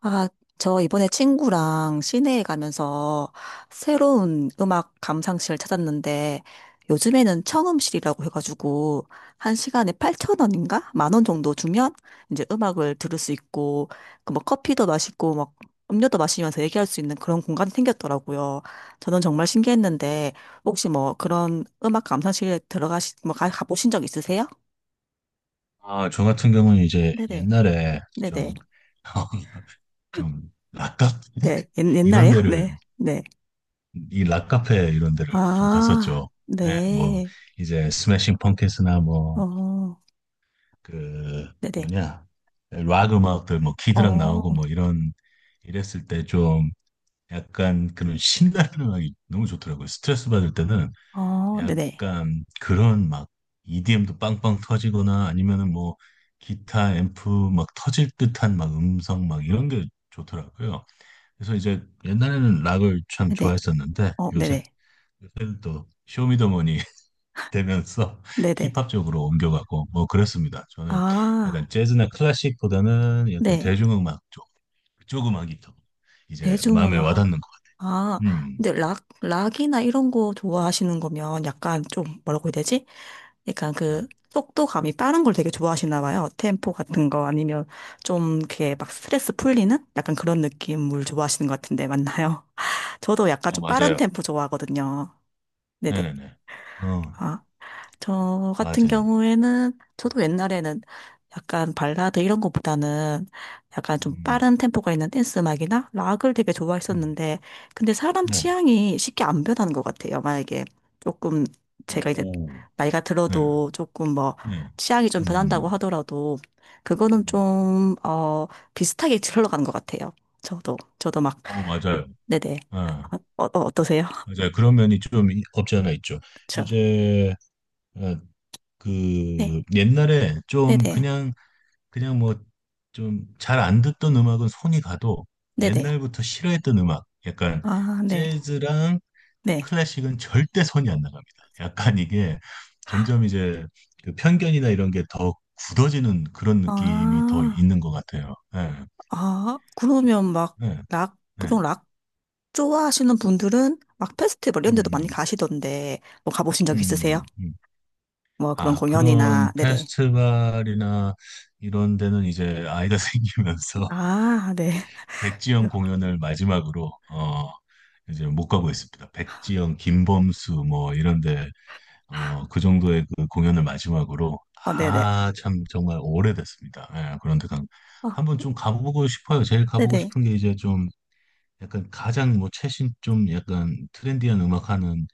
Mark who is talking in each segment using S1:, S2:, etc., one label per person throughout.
S1: 아, 저 이번에 친구랑 시내에 가면서 새로운 음악 감상실 찾았는데 요즘에는 청음실이라고 해가지고 한 시간에 8천원인가 만원 정도 주면 이제 음악을 들을 수 있고 그 뭐 커피도 마시고 막 음료도 마시면서 얘기할 수 있는 그런 공간이 생겼더라고요. 저는 정말 신기했는데 혹시 뭐 그런 음악 감상실에 들어가시 뭐 가, 가보신 적 있으세요?
S2: 아, 저 같은 경우는 이제
S1: 네네.
S2: 옛날에
S1: 네네.
S2: 좀, 좀, 락카페?
S1: 네. 옛,
S2: 이런
S1: 옛날에요?
S2: 데를,
S1: 네. 네.
S2: 이 락카페 이런 데를 좀
S1: 아,
S2: 갔었죠. 네, 뭐,
S1: 네.
S2: 이제 스매싱 펑키스나 뭐,
S1: 어,
S2: 그,
S1: 네네.
S2: 뭐냐, 락 음악들, 뭐, 키드락
S1: 어,
S2: 나오고 뭐, 이런, 이랬을 때 좀 약간 그런 신나는 음악이 너무 좋더라고요. 스트레스 받을 때는
S1: 어, 네네.
S2: 약간 그런 막 EDM도 빵빵 터지거나 아니면은 뭐 기타 앰프 막 터질 듯한 막 음성 막 이런 게 좋더라고요. 그래서 이제 옛날에는 락을 참
S1: 네네.
S2: 좋아했었는데
S1: 어,
S2: 요새
S1: 네네.
S2: 요새는 또 쇼미더머니 되면서
S1: 네네.
S2: 힙합 쪽으로 옮겨가고 뭐 그렇습니다. 저는
S1: 아,
S2: 약간 재즈나 클래식보다는 약간
S1: 네.
S2: 대중음악 쪽 그쪽 음악이 더 이제 마음에
S1: 대중음악.
S2: 와닿는 것
S1: 아,
S2: 같아요.
S1: 근데 락, 락이나 이런 거 좋아하시는 거면 약간 좀 뭐라고 해야 되지? 약간
S2: 네.
S1: 그 속도감이 빠른 걸 되게 좋아하시나 봐요. 템포 같은 거 아니면 좀 이렇게 막 스트레스 풀리는 약간 그런 느낌을 좋아하시는 것 같은데 맞나요? 저도 약간
S2: 어
S1: 좀 빠른
S2: 맞아요.
S1: 템포 좋아하거든요. 네네.
S2: 네네네. 어
S1: 아. 저 같은
S2: 맞아요.
S1: 경우에는 저도 옛날에는 약간 발라드 이런 것보다는 약간 좀
S2: 음.
S1: 빠른 템포가 있는 댄스 음악이나 락을 되게
S2: 음,
S1: 좋아했었는데 근데 사람
S2: 네.
S1: 취향이 쉽게 안 변하는 것 같아요. 만약에 조금 제가 이제
S2: 오,
S1: 나이가
S2: 네,
S1: 들어도 조금 뭐
S2: 네.
S1: 취향이 좀 변한다고
S2: 음,
S1: 하더라도 그거는
S2: 음.
S1: 좀, 어, 비슷하게 흘러가는 것 같아요. 저도 막,
S2: 어, 맞아요.
S1: 네네.
S2: 아,
S1: 어, 어, 어떠세요?
S2: 맞아요. 그런 면이 좀 없지 않아 있죠.
S1: 그
S2: 이제, 어, 그,
S1: 네.
S2: 옛날에 좀
S1: 네네.
S2: 그냥, 그냥 뭐, 좀 잘 안 듣던 음악은 손이 가도
S1: 네네.
S2: 옛날부터 싫어했던 음악, 약간
S1: 아, 네.
S2: 재즈랑
S1: 네.
S2: 클래식은 절대 손이 안 나갑니다. 약간 이게 점점 이제 그 편견이나 이런 게 더 굳어지는 그런 느낌이 더
S1: 아,
S2: 있는 것 같아요. 예.
S1: 아, 그러면 막,
S2: 네,
S1: 락, 보통
S2: 네.
S1: 락 좋아하시는 분들은 막 페스티벌 이런 데도 많이
S2: 음,
S1: 가시던데, 뭐 가보신 적 있으세요?
S2: 음.
S1: 뭐 그런
S2: 아, 그런
S1: 공연이나, 네네.
S2: 페스티벌이나 이런 데는 이제 아이가 생기면서
S1: 아, 네.
S2: 백지영 공연을 마지막으로, 어, 이제 못 가고 있습니다. 백지영, 김범수, 뭐, 이런 데, 어, 그 정도의 그 공연을 마지막으로,
S1: 아, 네네.
S2: 아, 참, 정말 오래됐습니다. 예, 그런데
S1: 아,
S2: 한번 좀 가보고 싶어요. 제일 가보고
S1: 네네.
S2: 싶은 게 이제 좀 약간 가장 뭐 최신 좀 약간 트렌디한 음악 하는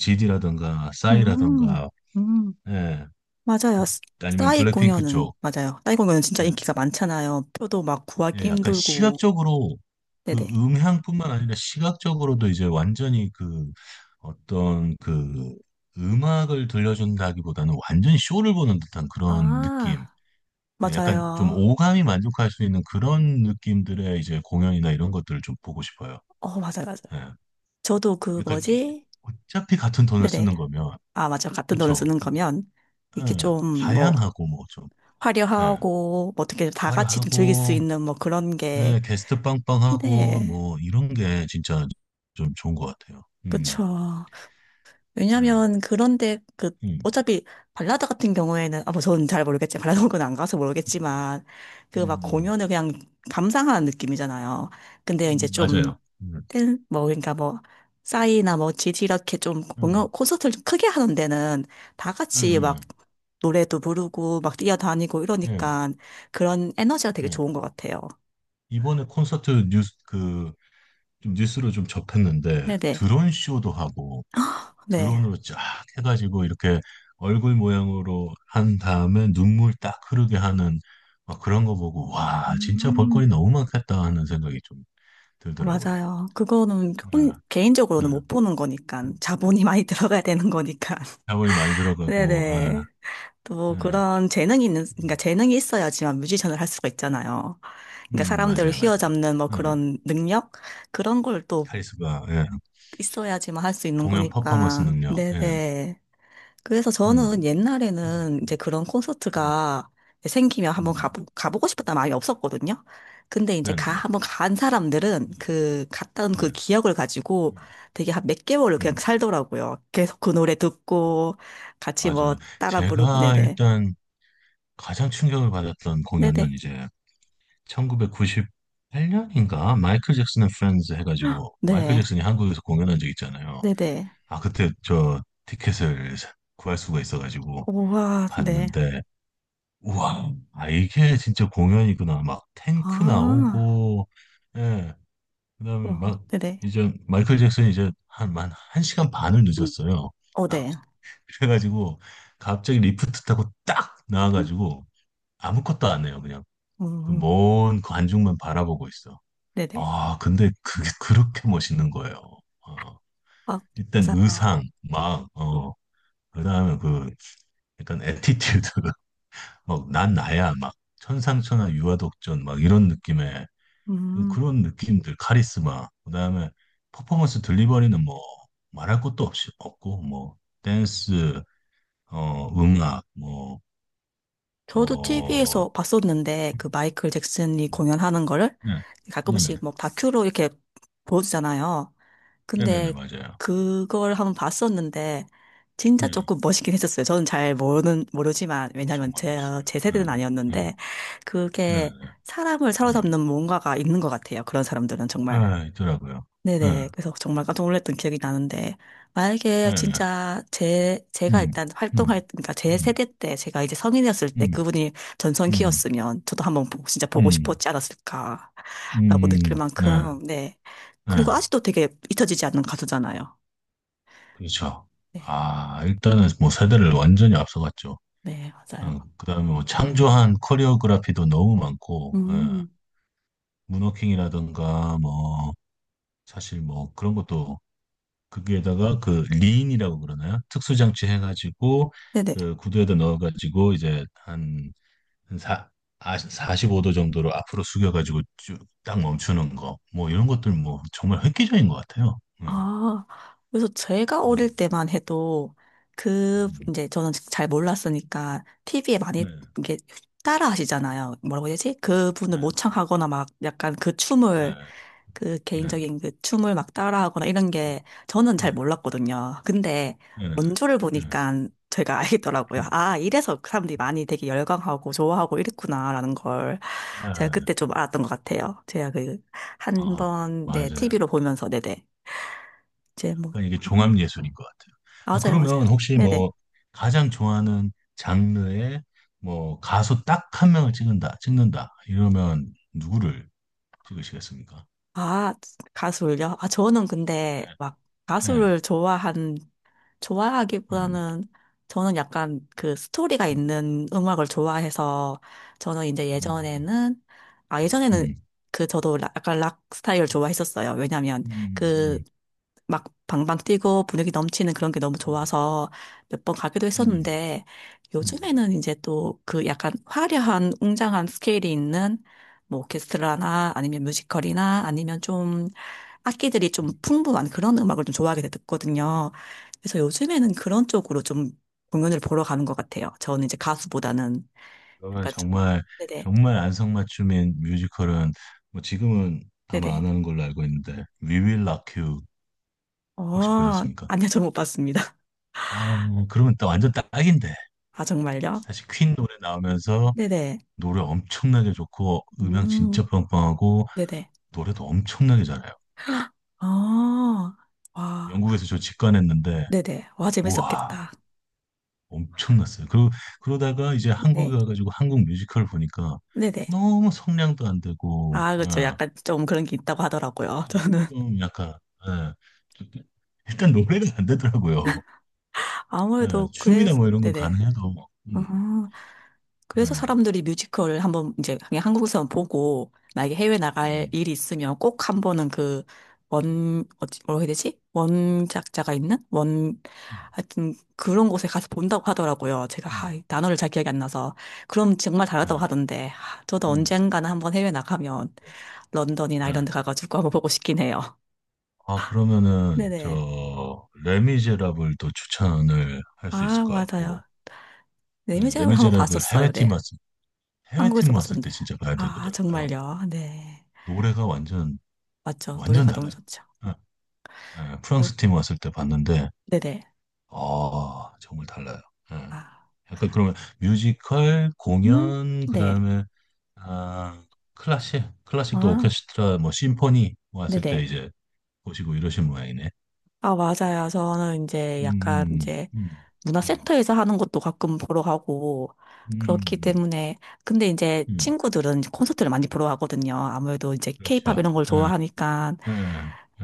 S2: GD라던가
S1: 음,
S2: 싸이라던가
S1: 음.
S2: 예, 그
S1: 맞아요. 스-
S2: 아니면
S1: 싸이
S2: 블랙핑크
S1: 공연은,
S2: 쪽.
S1: 맞아요. 싸이 공연은 진짜
S2: 네.
S1: 인기가 많잖아요. 표도 막 구하기
S2: 예, 약간
S1: 힘들고,
S2: 시각적으로 그
S1: 네네.
S2: 음향뿐만 아니라 시각적으로도 이제 완전히 그 어떤 그 음악을 들려준다기보다는 완전히 쇼를 보는 듯한 그런 느낌.
S1: 아,
S2: 예, 약간 좀
S1: 맞아요.
S2: 오감이 만족할 수 있는 그런 느낌들의 이제 공연이나 이런 것들을 좀 보고 싶어요.
S1: 어, 맞아요.
S2: 예.
S1: 저도 그
S2: 그러니까
S1: 뭐지?
S2: 어차피 같은 돈을
S1: 네네.
S2: 쓰는 거면
S1: 아, 맞아. 같은 돈을
S2: 그렇죠.
S1: 쓰는 거면, 이렇게
S2: 예,
S1: 좀, 뭐,
S2: 다양하고 뭐 좀 예,
S1: 화려하고, 뭐 어떻게 다 같이 좀 즐길 수
S2: 화려하고
S1: 있는, 뭐, 그런 게,
S2: 네, 게스트 빵빵하고
S1: 네.
S2: 뭐 이런 게 진짜 좀 좋은 것 같아요.
S1: 그쵸.
S2: 예,
S1: 왜냐면, 그런데, 그,
S2: 음,
S1: 어차피, 발라드 같은 경우에는, 아, 뭐, 저는 잘 모르겠지만, 발라드 곡은 안 가서 모르겠지만, 그 막
S2: 음,
S1: 공연을 그냥 감상하는 느낌이잖아요. 근데 이제 좀,
S2: 맞아요.
S1: 그, 뭐, 그러니까 뭐, 싸이나 뭐, 지지 이렇게 좀
S2: 음,
S1: 공연, 콘서트를 좀 크게 하는 데는 다
S2: 음,
S1: 같이 막
S2: 음,
S1: 노래도 부르고 막 뛰어다니고
S2: 예,
S1: 이러니까 그런 에너지가 되게
S2: 예.
S1: 좋은 것 같아요.
S2: 이번에 콘서트 뉴스 그 좀 뉴스로 좀 접했는데
S1: 네네.
S2: 드론 쇼도 하고
S1: 네.
S2: 드론으로 쫙 해가지고 이렇게 얼굴 모양으로 한 다음에 눈물 딱 흐르게 하는 막 그런 거 보고 와 진짜 볼거리
S1: 음,
S2: 너무 많겠다 하는 생각이 좀 들더라고요.
S1: 맞아요. 그거는 혼,
S2: 아,
S1: 개인적으로는
S2: 아.
S1: 못 보는 거니까 자본이 많이 들어가야 되는 거니까.
S2: 자본이 많이 들어가고 아,
S1: 네네. 또
S2: 예,
S1: 그런 재능이 있는, 그러니까
S2: 음,
S1: 재능이 있어야지만 뮤지션을 할 수가 있잖아요. 그러니까 사람들을
S2: 맞아요 맞아요.
S1: 휘어잡는 뭐
S2: 아,
S1: 그런 능력? 그런 걸또
S2: 카리스마 예.
S1: 있어야지만 할 수 있는
S2: 공연 퍼포먼스
S1: 거니까.
S2: 능력 예.
S1: 네네. 그래서 저는
S2: 음, 음,
S1: 옛날에는 이제
S2: 음,
S1: 그런
S2: 음,
S1: 콘서트가 생기면 한번
S2: 음.
S1: 가보, 가보고 싶었다는 마음이 없었거든요. 근데 이제
S2: 네네
S1: 가,
S2: 네,
S1: 한번 간 사람들은 그, 갔던 그
S2: 네.
S1: 기억을 가지고 되게 한 몇 개월을 그냥
S2: 음,
S1: 살더라고요. 계속 그 노래 듣고 같이 뭐
S2: 맞아요.
S1: 따라 부르고,
S2: 제가
S1: 네네.
S2: 일단 가장 충격을 받았던 공연은
S1: 네네.
S2: 이제 1998년인가 마이클 잭슨 앤 프렌즈 해가지고 마이클
S1: 네.
S2: 잭슨이 한국에서 공연한 적 있잖아요.
S1: 네네.
S2: 아 그때 저 티켓을 구할 수가 있어가지고
S1: 우와, 네.
S2: 봤는데 우와 아 이게 진짜 공연이구나 막 탱크
S1: 아,
S2: 나오고 예 그다음에
S1: 와,
S2: 막
S1: 네네.
S2: 이제 마이클 잭슨이 이제 한만 한 시간 반을 늦었어요.
S1: 어, 네.
S2: 그래가지고 갑자기 리프트 타고 딱 나와가지고 아무것도 안 해요 그냥 그
S1: 음,
S2: 먼 관중만 바라보고 있어.
S1: 네네.
S2: 아, 근데 그게 그렇게 멋있는 거예요. 어,
S1: 아,
S2: 일단
S1: 맞아요.
S2: 의상, 막, 어, 그 다음에 그, 약간 애티튜드, 막, 난 나야, 막, 천상천하 유아독전, 막, 이런 느낌의,
S1: 음,
S2: 그런 느낌들, 카리스마, 그 다음에 퍼포먼스 딜리버리는 뭐, 말할 것도 없이, 없고, 뭐, 댄스, 어, 음악, 뭐,
S1: 저도
S2: 뭐,
S1: TV에서 봤었는데, 그 마이클 잭슨이 공연하는 거를
S2: 네,
S1: 가끔씩
S2: 네네,
S1: 뭐 다큐로 이렇게 보여주잖아요.
S2: 네네네,
S1: 근데
S2: 맞아요.
S1: 그걸 한번 봤었는데, 진짜
S2: 네,
S1: 조금 멋있긴 했었어요. 저는 잘 모르는, 모르지만, 왜냐면
S2: 정말
S1: 제,
S2: 멋있어요.
S1: 제 세대는
S2: 네, 네,
S1: 아니었는데, 그게
S2: 네네네.
S1: 사람을 사로잡는 뭔가가 있는 것 같아요. 그런 사람들은 정말.
S2: 예, 있더라고요. 예,
S1: 네네. 그래서 정말 깜짝 놀랐던 기억이 나는데,
S2: 예,
S1: 만약에
S2: 예.
S1: 진짜 제, 제가
S2: 음,
S1: 일단
S2: 음,
S1: 활동할, 그러니까 제
S2: 음,
S1: 세대 때, 제가 이제 성인이었을 때
S2: 음,
S1: 그분이
S2: 음,
S1: 전성기였으면 저도 한번 보고, 진짜 보고
S2: 음,
S1: 싶었지 않았을까라고 느낄
S2: 네,
S1: 만큼, 네. 그리고
S2: 네,
S1: 아직도 되게 잊혀지지 않는 가수잖아요.
S2: 그렇죠.
S1: 네.
S2: 아, 일단은 뭐 세대를 완전히 앞서갔죠.
S1: 네, 맞아요.
S2: 어, 그다음에 뭐 창조한 코리오그라피도 너무 많고, 예,
S1: 음.
S2: 문워킹이라든가 뭐 사실 뭐 그런 것도 거기에다가 그 리인이라고 그러나요? 특수장치 해가지고
S1: 네네.
S2: 그 구두에다 넣어가지고 이제 한 한 사, 아, 45도 정도로 앞으로 숙여가지고 쭉 딱 멈추는 거, 뭐 이런 것들 뭐 정말 획기적인 것 같아요. 네,
S1: 아, 그래서 제가
S2: 네,
S1: 어릴 때만 해도 그,
S2: 음,
S1: 이제 저는 잘 몰랐으니까 TV에
S2: 네,
S1: 많이
S2: 네,
S1: 이게 따라 하시잖아요. 뭐라고 해야 되지? 그분을
S2: 그렇죠.
S1: 모창하거나 막 약간 그 춤을,
S2: 네,
S1: 그
S2: 네,
S1: 개인적인 그 춤을 막 따라 하거나 이런
S2: 네,
S1: 게 저는
S2: 네,
S1: 잘 몰랐거든요. 근데
S2: 네, 네,
S1: 원조를 보니까 제가 알겠더라고요.
S2: 음,
S1: 아, 이래서 그 사람들이 많이 되게 열광하고 좋아하고 이랬구나라는 걸 제가
S2: 네.
S1: 그때 좀 알았던 것 같아요. 제가 그 한
S2: 아,
S1: 번, 네,
S2: 맞아요.
S1: TV로 보면서, 네네. 이제 뭐,
S2: 약간 이게
S1: 아,
S2: 종합 예술인 것 같아요. 아,
S1: 맞아요.
S2: 그러면 혹시
S1: 네네.
S2: 뭐 가장 좋아하는 장르의 뭐 가수 딱 한 명을 찍는다 이러면 누구를 찍으시겠습니까?
S1: 아, 가수를요? 아, 저는
S2: 네,
S1: 근데 막
S2: 네,
S1: 가수를 좋아한
S2: 음,
S1: 좋아하기보다는 저는 약간 그 스토리가
S2: 음.
S1: 있는 음악을 좋아해서 저는 이제
S2: 음.
S1: 예전에는 아 예전에는
S2: 음,
S1: 그 저도 라- 약간 락 스타일을 좋아했었어요. 왜냐면
S2: 음,
S1: 그
S2: 음,
S1: 막 방방 뛰고 분위기 넘치는 그런 게 너무 좋아서 몇 번 가기도
S2: 음,
S1: 했었는데
S2: 음,
S1: 요즘에는 이제 또 그 약간 화려한 웅장한 스케일이 있는 뭐 오케스트라나 아니면 뮤지컬이나 아니면 좀 악기들이
S2: 음.
S1: 좀 풍부한 그런 음악을 좀 좋아하게 됐거든요. 그래서 요즘에는 그런 쪽으로 좀 공연을 보러 가는 것 같아요. 저는 이제 가수보다는
S2: 그러면
S1: 약간 좀,
S2: 정말
S1: 네네,
S2: 정말 안성맞춤인 뮤지컬은 뭐 지금은 아마
S1: 네네.
S2: 안 하는 걸로 알고 있는데 We Will Rock You 혹시
S1: 어,
S2: 보셨습니까?
S1: 아니요, 저 못 봤습니다.
S2: 아 그러면 또 완전 딱인데
S1: 아, 정말요?
S2: 사실 퀸 노래 나오면서
S1: 네네.
S2: 노래 엄청나게 좋고 음향
S1: 음,
S2: 진짜 빵빵하고
S1: 네네.
S2: 노래도 엄청나게 잘해요.
S1: 아, 와,
S2: 영국에서 저 직관했는데
S1: 네네. 와,
S2: 우와
S1: 재밌었겠다.
S2: 엄청났어요. 그러다가 이제
S1: 네,
S2: 한국에 가가지고 한국 뮤지컬 보니까
S1: 네네.
S2: 너무 성량도 안 되고,
S1: 아, 그렇죠.
S2: 예,
S1: 약간 좀 그런 게 있다고 하더라고요. 저는
S2: 좀 약간, 예, 좀- 일단 노래가 안 되더라고요. 예,
S1: 아무래도
S2: 춤이나
S1: 그래서,
S2: 뭐 이런 건
S1: 네네.
S2: 가능해도, 뭐,
S1: 음, 그래서
S2: 예,
S1: 사람들이 뮤지컬을 한번 이제 그냥 한국에서만 보고 만약에 해외 나갈
S2: 음,
S1: 일이 있으면 꼭 한번은 그 원, 어찌, 뭐라고 해야 되지? 원작자가 있는? 원,
S2: 음,
S1: 하여튼 그런 곳에 가서 본다고 하더라고요. 제가 아,
S2: 음,
S1: 이 단어를 잘 기억이 안 나서. 그럼 정말 다르다고
S2: 예,
S1: 하던데. 아, 저도
S2: 음,
S1: 언젠가는 한번 해외 나가면 런던이나 이런
S2: 예.
S1: 데 가가지고 한번 보고 싶긴 해요.
S2: 아, 그러면은,
S1: 네네.
S2: 저, 레미제라블도 추천을 할 수 있을
S1: 아,
S2: 것
S1: 맞아요.
S2: 같고,
S1: 네, 이
S2: 예,
S1: 제지를 한번
S2: 레미제라블
S1: 봤었어요. 네. 한국에서
S2: 해외팀 왔을 때
S1: 봤었는데.
S2: 진짜 봐야
S1: 아,
S2: 되더라고요.
S1: 정말요. 네.
S2: 노래가 완전
S1: 맞죠.
S2: 완전
S1: 노래가 너무
S2: 달라요.
S1: 좋죠.
S2: 예, 예, 프랑스 팀 왔을 때 봤는데,
S1: 네네.
S2: 아, 정말 달라요. 예.
S1: 아,
S2: 약간 그러면 뮤지컬,
S1: 음,
S2: 공연, 그
S1: 네.
S2: 다음에, 아, 클래식, 클래식도
S1: 아,
S2: 오케스트라, 뭐, 심포니 왔을 때
S1: 네네.
S2: 이제 보시고 이러신 모양이네.
S1: 아, 맞아요. 저는 이제 약간
S2: 음,
S1: 이제
S2: 음, 음,
S1: 문화센터에서 하는 것도 가끔 보러 가고
S2: 음,
S1: 그렇기
S2: 음,
S1: 때문에 근데 이제
S2: 음.
S1: 친구들은 콘서트를 많이 보러 가거든요. 아무래도 이제 케이팝
S2: 그렇죠.
S1: 이런 걸
S2: 예,
S1: 좋아하니까
S2: 예,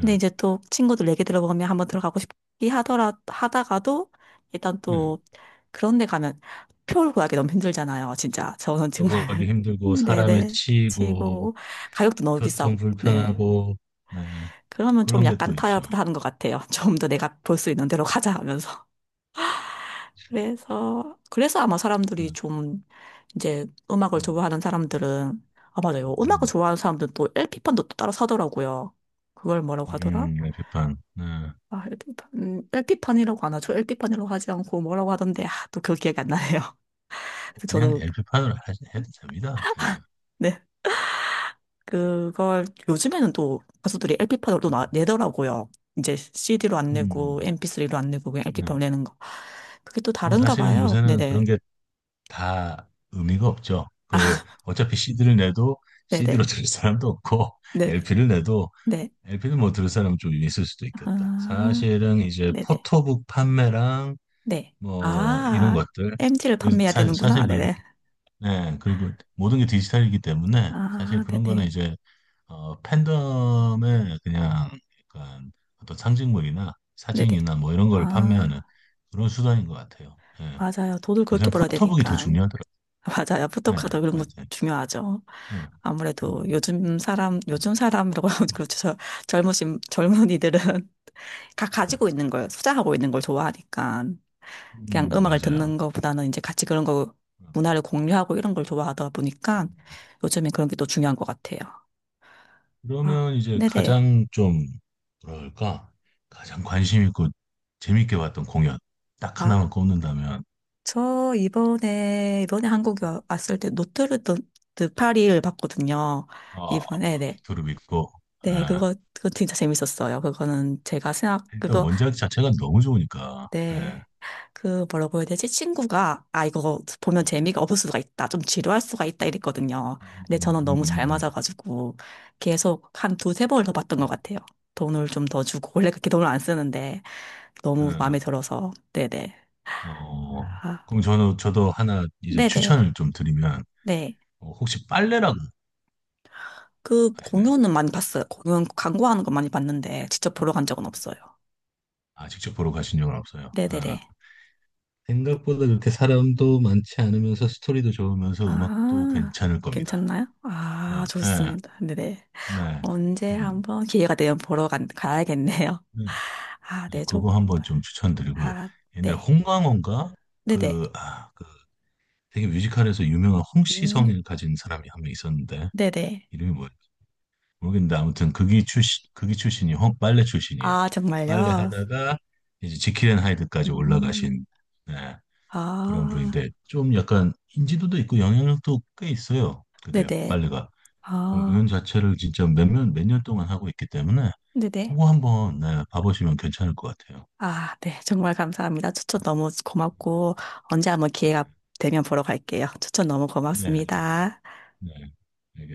S1: 근데 이제 또 친구들 얘기 들어보면 한번 들어가고 싶기 하더라 하다가도 일단
S2: 네.
S1: 또 그런 데 가면 표를 구하기 너무 힘들잖아요. 진짜 저는
S2: 요구하기
S1: 정말
S2: 힘들고, 사람에
S1: 네네
S2: 치이고,
S1: 치고 가격도 너무
S2: 교통
S1: 비싸고 네
S2: 불편하고, 네.
S1: 그러면 좀
S2: 그런 게 또
S1: 약간
S2: 있죠.
S1: 타협을 하는 것 같아요. 좀 더 내가 볼 수 있는 대로 가자 하면서 그래서 아마 사람들이
S2: 예.
S1: 좀 이제 음악을
S2: 음,
S1: 좋아하는 사람들은, 아, 맞아요. 음악을
S2: 음,
S1: 좋아하는 사람들은 또 LP판도 또 따로 사더라고요. 그걸 뭐라고 하더라?
S2: 엘피판 네.
S1: 아, LP판, 판이라고 안 하죠. LP판이라고 하지 않고 뭐라고 하던데, 아, 또 그 기억이 안 나네요.
S2: 뭐
S1: 그래서
S2: 그냥
S1: 저도,
S2: LP판으로 해도 됩니다. 예.
S1: 네, 그걸 요즘에는 또 가수들이 LP판으로 또 나- 내더라고요. 이제 CD로 안 내고,
S2: 음,
S1: MP3로 안 내고, 그냥
S2: 네.
S1: LP판으로 내는 거. 그게 또
S2: 뭐
S1: 다른가
S2: 사실은
S1: 봐요.
S2: 요새는
S1: 네네.
S2: 그런 게 다 의미가 없죠. 그 어차피 CD를 내도 CD로
S1: 네네.
S2: 들을 사람도 없고
S1: 네네.
S2: LP를 내도
S1: 네.
S2: LP는 뭐 들을 사람 좀 있을 수도 있겠다.
S1: 아.
S2: 사실은 이제
S1: 네네.
S2: 포토북 판매랑
S1: 네.
S2: 뭐 이런
S1: 아,
S2: 것들
S1: MT를 판매해야 되는구나.
S2: 사실 그리고
S1: 네네.
S2: 네, 그리고 모든 게 디지털이기 때문에 사실
S1: 아,
S2: 그런 거는
S1: 네네.
S2: 이제 어, 팬덤의 그냥 약간 어떤 상징물이나
S1: 네네.
S2: 사진이나 뭐 이런 걸 판매하는
S1: 아,
S2: 그런 수단인 것 같아요. 예.
S1: 맞아요. 돈을 그렇게
S2: 요새는
S1: 벌어야
S2: 포토북이 더
S1: 되니까.
S2: 중요하더라고요.
S1: 맞아요.
S2: 예,
S1: 포토카드 그런 거
S2: 맞아요.
S1: 중요하죠.
S2: 예.
S1: 아무래도
S2: 음,
S1: 요즘 사람,
S2: 음,
S1: 요즘 사람이라고 하면
S2: 음,
S1: 그렇죠. 저- 젊으신, 젊은이들은 다
S2: 예.
S1: 가지고 있는 걸, 소장하고 있는 걸 좋아하니까. 그냥 음악을
S2: 맞아요.
S1: 듣는 것보다는 이제 같이 그런 거,
S2: 음.
S1: 문화를 공유하고 이런 걸 좋아하다 보니까 요즘에 그런 게 또 중요한 것 같아요. 아,
S2: 그러면 이제
S1: 네네.
S2: 가장 좀 뭐랄까 가장 관심 있고 재밌게 봤던 공연 딱 하나만
S1: 아.
S2: 꼽는다면
S1: 저 이번에 한국에 와- 왔을 때 노트르담 드 파리를 봤거든요.
S2: 어,
S1: 이번에 네.
S2: 그룹 있고,
S1: 네,
S2: 예.
S1: 그거 진짜 재밌었어요. 그거는 제가 생각
S2: 일단
S1: 그거
S2: 원작 자체가 너무 좋으니까, 예.
S1: 네. 그 뭐라고 해야 되지? 친구가 아 이거 보면
S2: 음,
S1: 재미가 없을 수가 있다. 좀 지루할 수가 있다 이랬거든요.
S2: 음,
S1: 근데 저는 너무 잘
S2: 음, 음.
S1: 맞아가지고 계속 한 두세 번을 더 봤던 것
S2: 음,
S1: 같아요. 돈을 좀 더 주고 원래 그렇게 돈을 안 쓰는데 너무 마음에
S2: 음.
S1: 들어서 네네.
S2: 예. 어,
S1: 아,
S2: 그럼 저는, 저도 하나 이제
S1: 네네.
S2: 추천을 좀 드리면,
S1: 네.
S2: 어, 혹시 빨래라고
S1: 그
S2: 아시나요?
S1: 공연은 많이 봤어요. 공연 광고하는 거 많이 봤는데 직접 보러 간 적은 없어요.
S2: 아, 직접 보러 가신 적은 없어요. 예.
S1: 네네네.
S2: 생각보다 그렇게 사람도 많지 않으면서 스토리도 좋으면서 음악도
S1: 아,
S2: 괜찮을 겁니다.
S1: 괜찮나요?
S2: 예,
S1: 아,
S2: 예,
S1: 좋습니다. 네네.
S2: 네.
S1: 언제
S2: 음,
S1: 한번 기회가 되면 보러 간, 가야겠네요.
S2: 네.
S1: 아,
S2: 네,
S1: 네, 저,
S2: 그거 한번 좀 추천드리고,
S1: 아,
S2: 옛날
S1: 네.
S2: 홍강호인가?
S1: 네네.
S2: 그, 아, 그 되게 뮤지컬에서 유명한
S1: 음,
S2: 홍시성을 가진 사람이 한 명 있었는데
S1: 네네.
S2: 이름이 뭐였지? 모르겠는데 아무튼 극이 출신이 홍 빨래 출신이에요.
S1: 아,
S2: 빨래
S1: 정말요?
S2: 하다가 이제 지킬 앤 하이드까지
S1: 음,
S2: 올라가신 네, 그런
S1: 아,
S2: 분인데 좀 약간 인지도도 있고 영향력도 꽤 있어요. 그게
S1: 네네.
S2: 빨래가
S1: 아,
S2: 공연 자체를 진짜 몇몇 몇 년 동안 하고 있기 때문에
S1: 네네.
S2: 그거 한번 네, 봐보시면 괜찮을 것 같아요.
S1: 아, 네. 정말 감사합니다. 추천 너무 고맙고, 언제 한번 기회가 되면 보러 갈게요. 추천 너무
S2: 네, 네,
S1: 고맙습니다.
S2: 네.